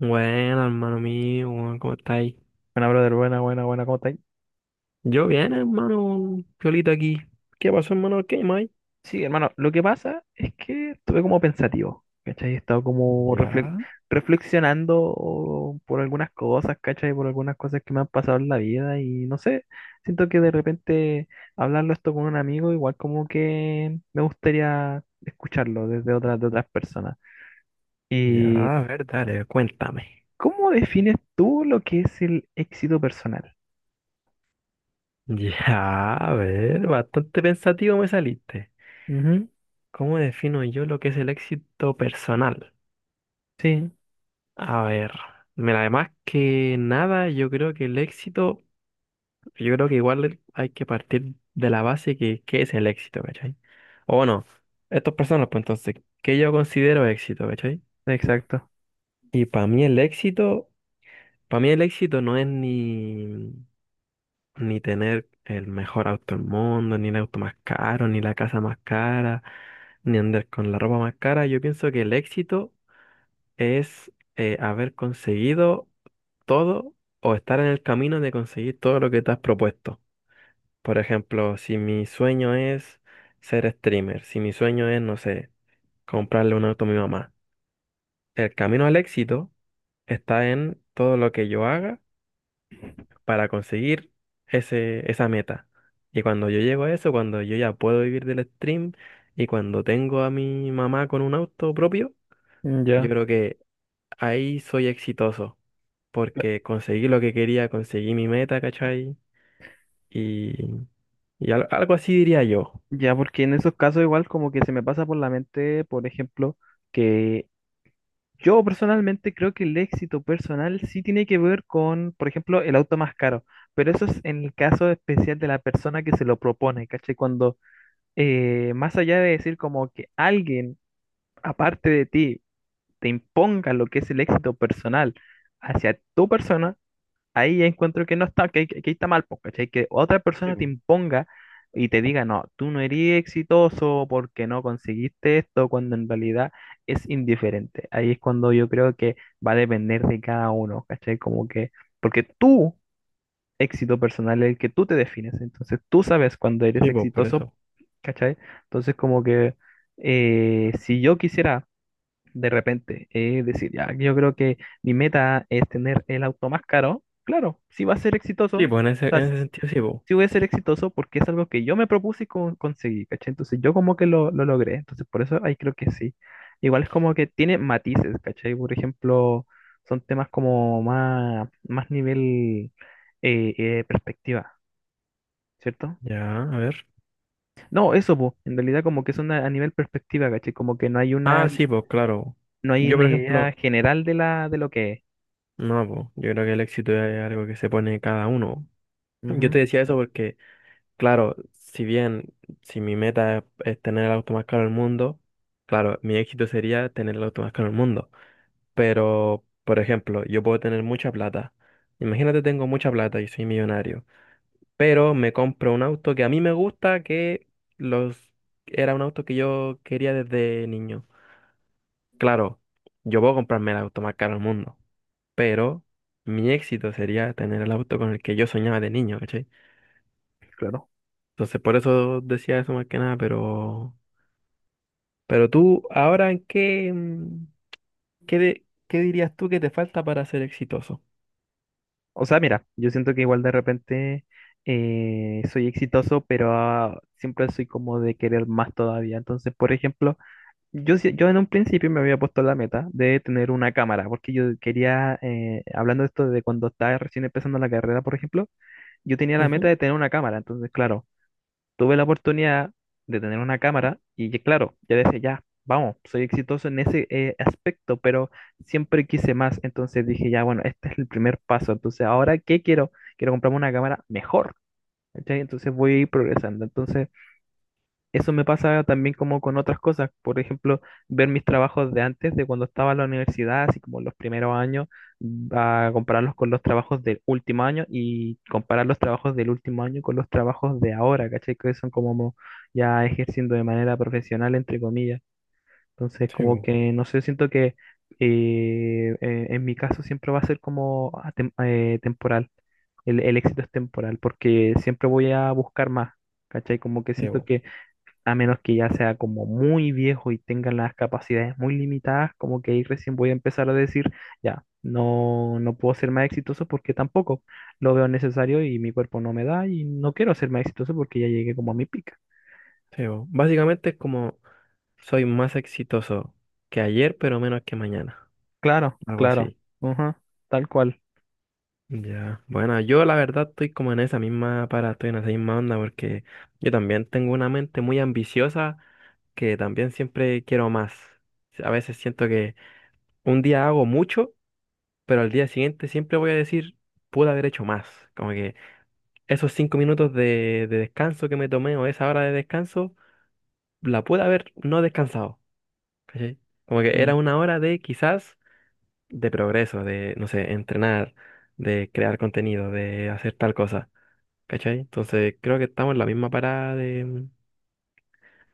Bueno, hermano mío, weón, ¿cómo estáis? Buena, brother, buena, buena, buena, ¿cómo estáis? Yo bien, hermano, Piolita aquí. ¿Qué pasó, hermano? ¿Qué más? Sí, hermano, lo que pasa es que estuve como pensativo, ¿cachai? He estado como Ya, reflexionando por algunas cosas, ¿cachai? Por algunas cosas que me han pasado en la vida y no sé, siento que de repente hablarlo esto con un amigo, igual como que me gustaría escucharlo desde otras, de otras personas. ya, ¿Y a ver, dale. Cuéntame. cómo defines tú lo que es el éxito personal? Ya, a ver, bastante pensativo me saliste. Ujú. ¿Cómo defino yo lo que es el éxito personal? Sí, A ver, mira, además que nada, yo creo que el éxito, yo creo que igual hay que partir de la base que qué es el éxito, ¿cachai? O bueno, estas personas, pues entonces, ¿qué yo considero éxito? ¿Cachai? exacto. Y para mí el éxito, para mí el éxito no es ni tener el mejor auto del mundo, ni el auto más caro, ni la casa más cara, ni andar con la ropa más cara. Yo pienso que el éxito es haber conseguido todo o estar en el camino de conseguir todo lo que te has propuesto. Por ejemplo, si mi sueño es ser streamer, si mi sueño es, no sé, comprarle un auto a mi mamá, el camino al éxito está en todo lo que yo haga para conseguir ese, esa meta. Y cuando yo llego a eso, cuando yo ya puedo vivir del stream y cuando tengo a mi mamá con un auto propio, yo Ya. creo que ahí soy exitoso, porque conseguí lo que quería, conseguí mi meta, ¿cachai? Y, algo así diría yo. Ya, porque en esos casos igual como que se me pasa por la mente, por ejemplo, que yo personalmente creo que el éxito personal sí tiene que ver con, por ejemplo, el auto más caro, pero eso es en el caso especial de la persona que se lo propone, ¿cachai? Cuando más allá de decir como que alguien aparte de ti te imponga lo que es el éxito personal hacia tu persona, ahí ya encuentro que no está, que, que está mal, po, ¿cachai? Que otra Sí, persona te po. imponga y te diga, no, tú no eres exitoso porque no conseguiste esto, cuando en realidad es indiferente. Ahí es cuando yo creo que va a depender de cada uno, ¿cachai? Como que, porque tu éxito personal es el que tú te defines, entonces tú sabes cuando eres Sí, pues, por exitoso, eso. ¿cachai? Entonces como que si yo quisiera de repente. Es decir, ya, yo creo que mi meta es tener el auto más caro. Claro, si va a ser Sí, exitoso, pues, o sea, en ese sentido, sí, pues. si voy a ser exitoso porque es algo que yo me propuse y conseguí, ¿cachai? Entonces yo como que lo logré, entonces por eso ahí creo que sí. Igual es como que tiene matices, ¿cachai? Por ejemplo, son temas como más, más nivel perspectiva, ¿cierto? Ya, a ver. No, eso, po, en realidad como que es una, a nivel perspectiva, ¿cachai? Como que no hay una, Ah, sí, pues, claro. no hay Yo, una por idea ejemplo, general de la, de lo que es. no, pues, yo creo que el éxito es algo que se pone cada uno. Yo te Ujú, decía eso porque, claro, si bien si mi meta es tener el auto más caro del mundo, claro, mi éxito sería tener el auto más caro del mundo. Pero, por ejemplo, yo puedo tener mucha plata. Imagínate, tengo mucha plata y soy millonario, pero me compro un auto que a mí me gusta, que los era un auto que yo quería desde niño. Claro, yo puedo comprarme el auto más caro del mundo, pero mi éxito sería tener el auto con el que yo soñaba de niño, ¿cachai? claro. Entonces, por eso decía eso más que nada, pero tú, ahora, ¿en qué, qué, qué dirías tú que te falta para ser exitoso? O sea, mira, yo siento que igual de repente soy exitoso, pero siempre soy como de querer más todavía. Entonces, por ejemplo, yo, yo en un principio me había puesto la meta de tener una cámara, porque yo quería, hablando de esto de cuando estaba recién empezando la carrera, por ejemplo, yo tenía la meta Ujú. de tener una cámara. Entonces, claro, tuve la oportunidad de tener una cámara y que, claro, yo decía, ya, vamos, soy exitoso en ese aspecto, pero siempre quise más, entonces dije, ya, bueno, este es el primer paso, entonces ahora, ¿qué quiero? Quiero comprarme una cámara mejor, ¿cachai? Entonces voy a ir progresando, entonces eso me pasa también como con otras cosas, por ejemplo, ver mis trabajos de antes, de cuando estaba en la universidad, así como los primeros años, a compararlos con los trabajos del último año y comparar los trabajos del último año con los trabajos de ahora, ¿cachai? Que son como ya ejerciendo de manera profesional, entre comillas. Entonces, Sí, como bo, que, no sé, siento que en mi caso siempre va a ser como temporal, el éxito es temporal, porque siempre voy a buscar más, ¿cachai? Como que sí, siento bo, que a menos que ya sea como muy viejo y tenga las capacidades muy limitadas, como que ahí recién voy a empezar a decir, ya, no, no puedo ser más exitoso porque tampoco lo veo necesario y mi cuerpo no me da y no quiero ser más exitoso porque ya llegué como a mi pica. sí, bo. Básicamente es como soy más exitoso que ayer, pero menos que mañana. Claro, Algo claro, así. ujú, tal cual. Ya. Bueno, yo la verdad estoy como en esa misma estoy en esa misma onda porque yo también tengo una mente muy ambiciosa que también siempre quiero más. A veces siento que un día hago mucho, pero al día siguiente siempre voy a decir, pude haber hecho más. Como que esos 5 minutos de descanso que me tomé o esa hora de descanso, la pude haber no descansado, ¿cachai? Como que Mm. era una hora de quizás de progreso, de, no sé, entrenar, de crear contenido, de hacer tal cosa. ¿Cachai? Entonces creo que estamos en la misma parada de,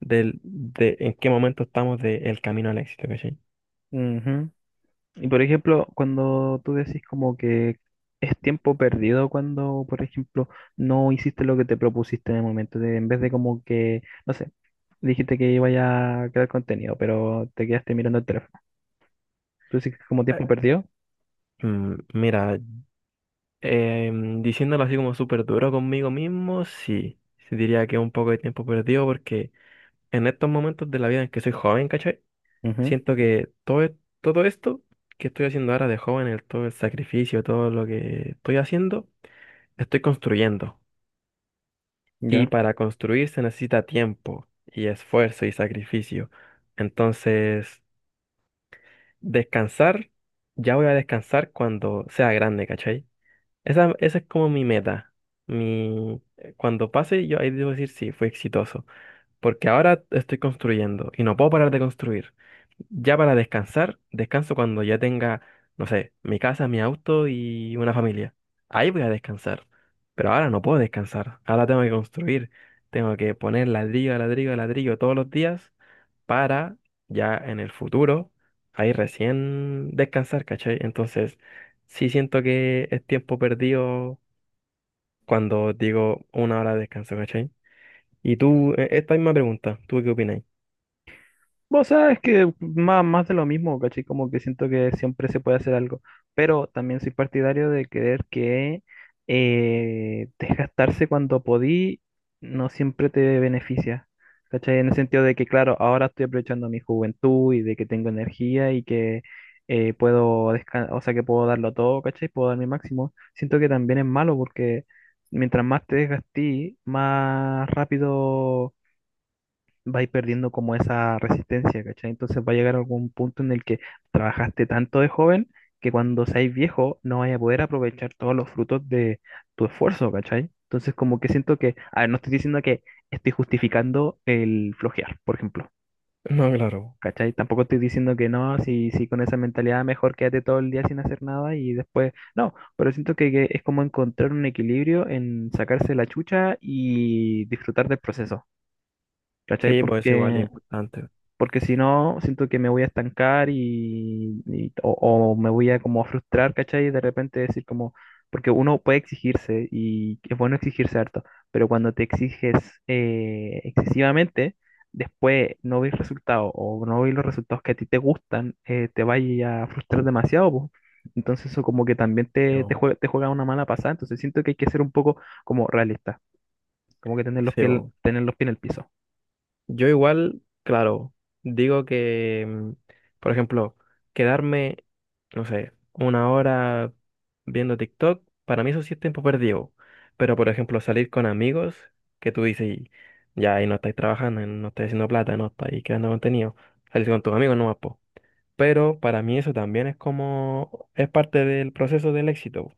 de en qué momento estamos del camino al éxito. ¿Cachai? Ujú. Y por ejemplo, cuando tú decís como que es tiempo perdido cuando, por ejemplo, no hiciste lo que te propusiste en el momento, en vez de como que, no sé, dijiste que iba a crear contenido, pero te quedaste mirando el teléfono. Tú dices que es como Eh, tiempo perdido. Mira, diciéndolo así como súper duro conmigo mismo, sí. Sí, diría que es un poco de tiempo perdido porque en estos momentos de la vida en que soy joven, ¿cachai? Ujú. Siento que todo, todo esto que estoy haciendo ahora de joven, el, todo el sacrificio, todo lo que estoy haciendo, estoy construyendo. Y Ya. para construir se necesita tiempo y esfuerzo y sacrificio. Entonces, descansar, ya voy a descansar cuando sea grande, ¿cachai? Esa es como mi meta. Mi, cuando pase, yo ahí debo decir sí, fui exitoso. Porque ahora estoy construyendo y no puedo parar de construir. Ya para descansar, descanso cuando ya tenga, no sé, mi casa, mi auto y una familia. Ahí voy a descansar. Pero ahora no puedo descansar. Ahora tengo que construir. Tengo que poner ladrillo, a ladrillo, a ladrillo todos los días para ya en el futuro, ahí recién descansar, ¿cachai? Entonces, sí siento que es tiempo perdido cuando digo una hora de descanso, ¿cachai? Y tú, esta misma pregunta, ¿tú qué opinas? Vos sabes que más, más de lo mismo, ¿cachai? Como que siento que siempre se puede hacer algo, pero también soy partidario de creer que desgastarse cuando podí no siempre te beneficia, ¿cachai? En el sentido de que, claro, ahora estoy aprovechando mi juventud y de que tengo energía y que puedo descansar, o sea, que puedo darlo todo, ¿cachai? Puedo dar mi máximo. Siento que también es malo porque mientras más te desgastí, más rápido va a ir perdiendo como esa resistencia, ¿cachai? Entonces va a llegar algún punto en el que trabajaste tanto de joven que cuando seáis viejo no vais a poder aprovechar todos los frutos de tu esfuerzo, ¿cachai? Entonces como que siento que, a ver, no estoy diciendo que estoy justificando el flojear, por ejemplo, No, claro. ¿cachai? Tampoco estoy diciendo que no, si, si con esa mentalidad mejor quédate todo el día sin hacer nada y después, no, pero siento que es como encontrar un equilibrio en sacarse la chucha y disfrutar del proceso. ¿Cachai? Sí, pues es igual, es Porque importante. Si no, siento que me voy a estancar o me voy a como frustrar, ¿cachai? Y de repente decir como, porque uno puede exigirse y es bueno exigirse harto, pero cuando te exiges excesivamente, después no ves resultados o no ves los resultados que a ti te gustan, te vaya a frustrar demasiado, po. Entonces eso como que también Sí, bo. Te juega una mala pasada, entonces siento que hay que ser un poco como realista, como que Sí, pues. tener los pies en el piso. Yo igual, claro, digo que, por ejemplo, quedarme, no sé, una hora viendo TikTok, para mí eso sí es tiempo perdido. Pero, por ejemplo, salir con amigos, que tú dices, ya ahí no estáis trabajando, no estáis haciendo plata, no estáis creando contenido, salir con tus amigos no más, pero para mí eso también es como, es parte del proceso del éxito.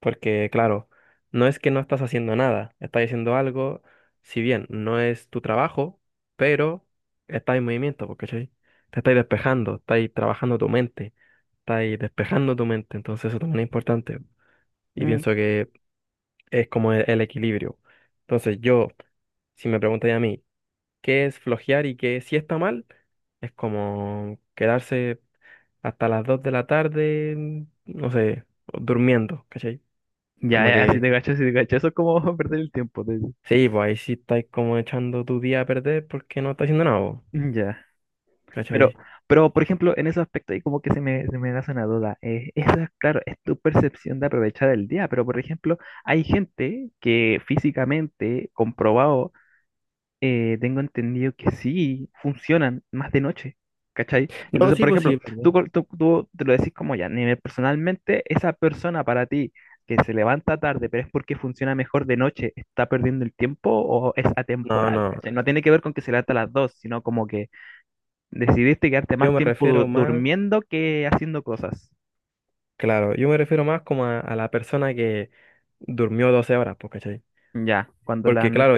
Porque claro, no es que no estás haciendo nada, estás haciendo algo, si bien no es tu trabajo, pero estás en movimiento, porque te estás despejando, estás trabajando tu mente, estás despejando tu mente, entonces eso también es importante. Y pienso que es como el equilibrio. Entonces yo, si me preguntáis a mí, ¿qué es flojear y qué si está mal? Es como quedarse hasta las 2 de la tarde, no sé, durmiendo, ¿cachai? Ya, Como ya, si que, te cacho, si te cacho, eso es como perder el tiempo. Te sí, pues ahí sí estáis como echando tu día a perder porque no está haciendo nada, vos, Ya. Pero, ¿cachai? pero, por ejemplo, en esos aspectos ahí como que se me nace una duda. Esa, claro, es tu percepción de aprovechar el día, pero, por ejemplo, hay gente que físicamente, comprobado, tengo entendido que sí funcionan más de noche, ¿cachai? No, Entonces, sí, por pues ejemplo, sí, ¿verdad? Tú te lo decís como ya, nivel personalmente, esa persona para ti que se levanta tarde, pero es porque funciona mejor de noche, ¿está perdiendo el tiempo o es No, atemporal? no, ¿Cachai? No tiene que ver con que se levanta a las dos, sino como que decidiste quedarte yo más me tiempo refiero más, durmiendo que haciendo cosas. claro, yo me refiero más como a la persona que durmió 12 horas, pues, ¿cachai? Ya, cuando la Porque, ne- claro,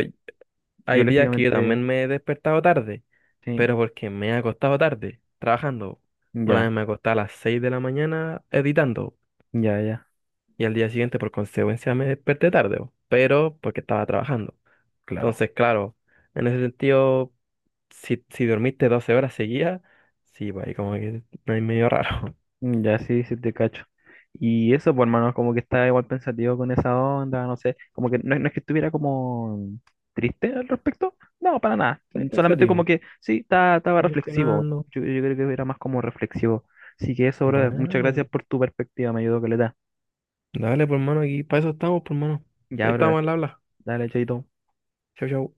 hay días que yo biológicamente, también me he despertado tarde, sí, pero porque me he acostado tarde, trabajando. Una ya, vez me acosté a las 6 de la mañana editando, ya, ya, y al día siguiente por consecuencia me desperté tarde, bo, pero porque estaba trabajando. claro. Entonces, claro, en ese sentido, si dormiste 12 horas seguidas, sí, pues ahí como que no hay medio raro. Ya sí, sí te cacho. Y eso, pues hermano, como que estaba igual pensativo con esa onda, no sé, como que no, no es que estuviera como triste al respecto, no, para nada, Estoy solamente como pensativo, que sí, estaba está reflexivo, funcionando. yo creo que era más como reflexivo. Así que eso, brother, muchas Bueno, gracias por tu perspectiva, me ayudó que le da. dale, por mano, aquí para eso estamos, por mano. Ya, Ahí estamos brother, al habla. dale, chaito. Chau, chau.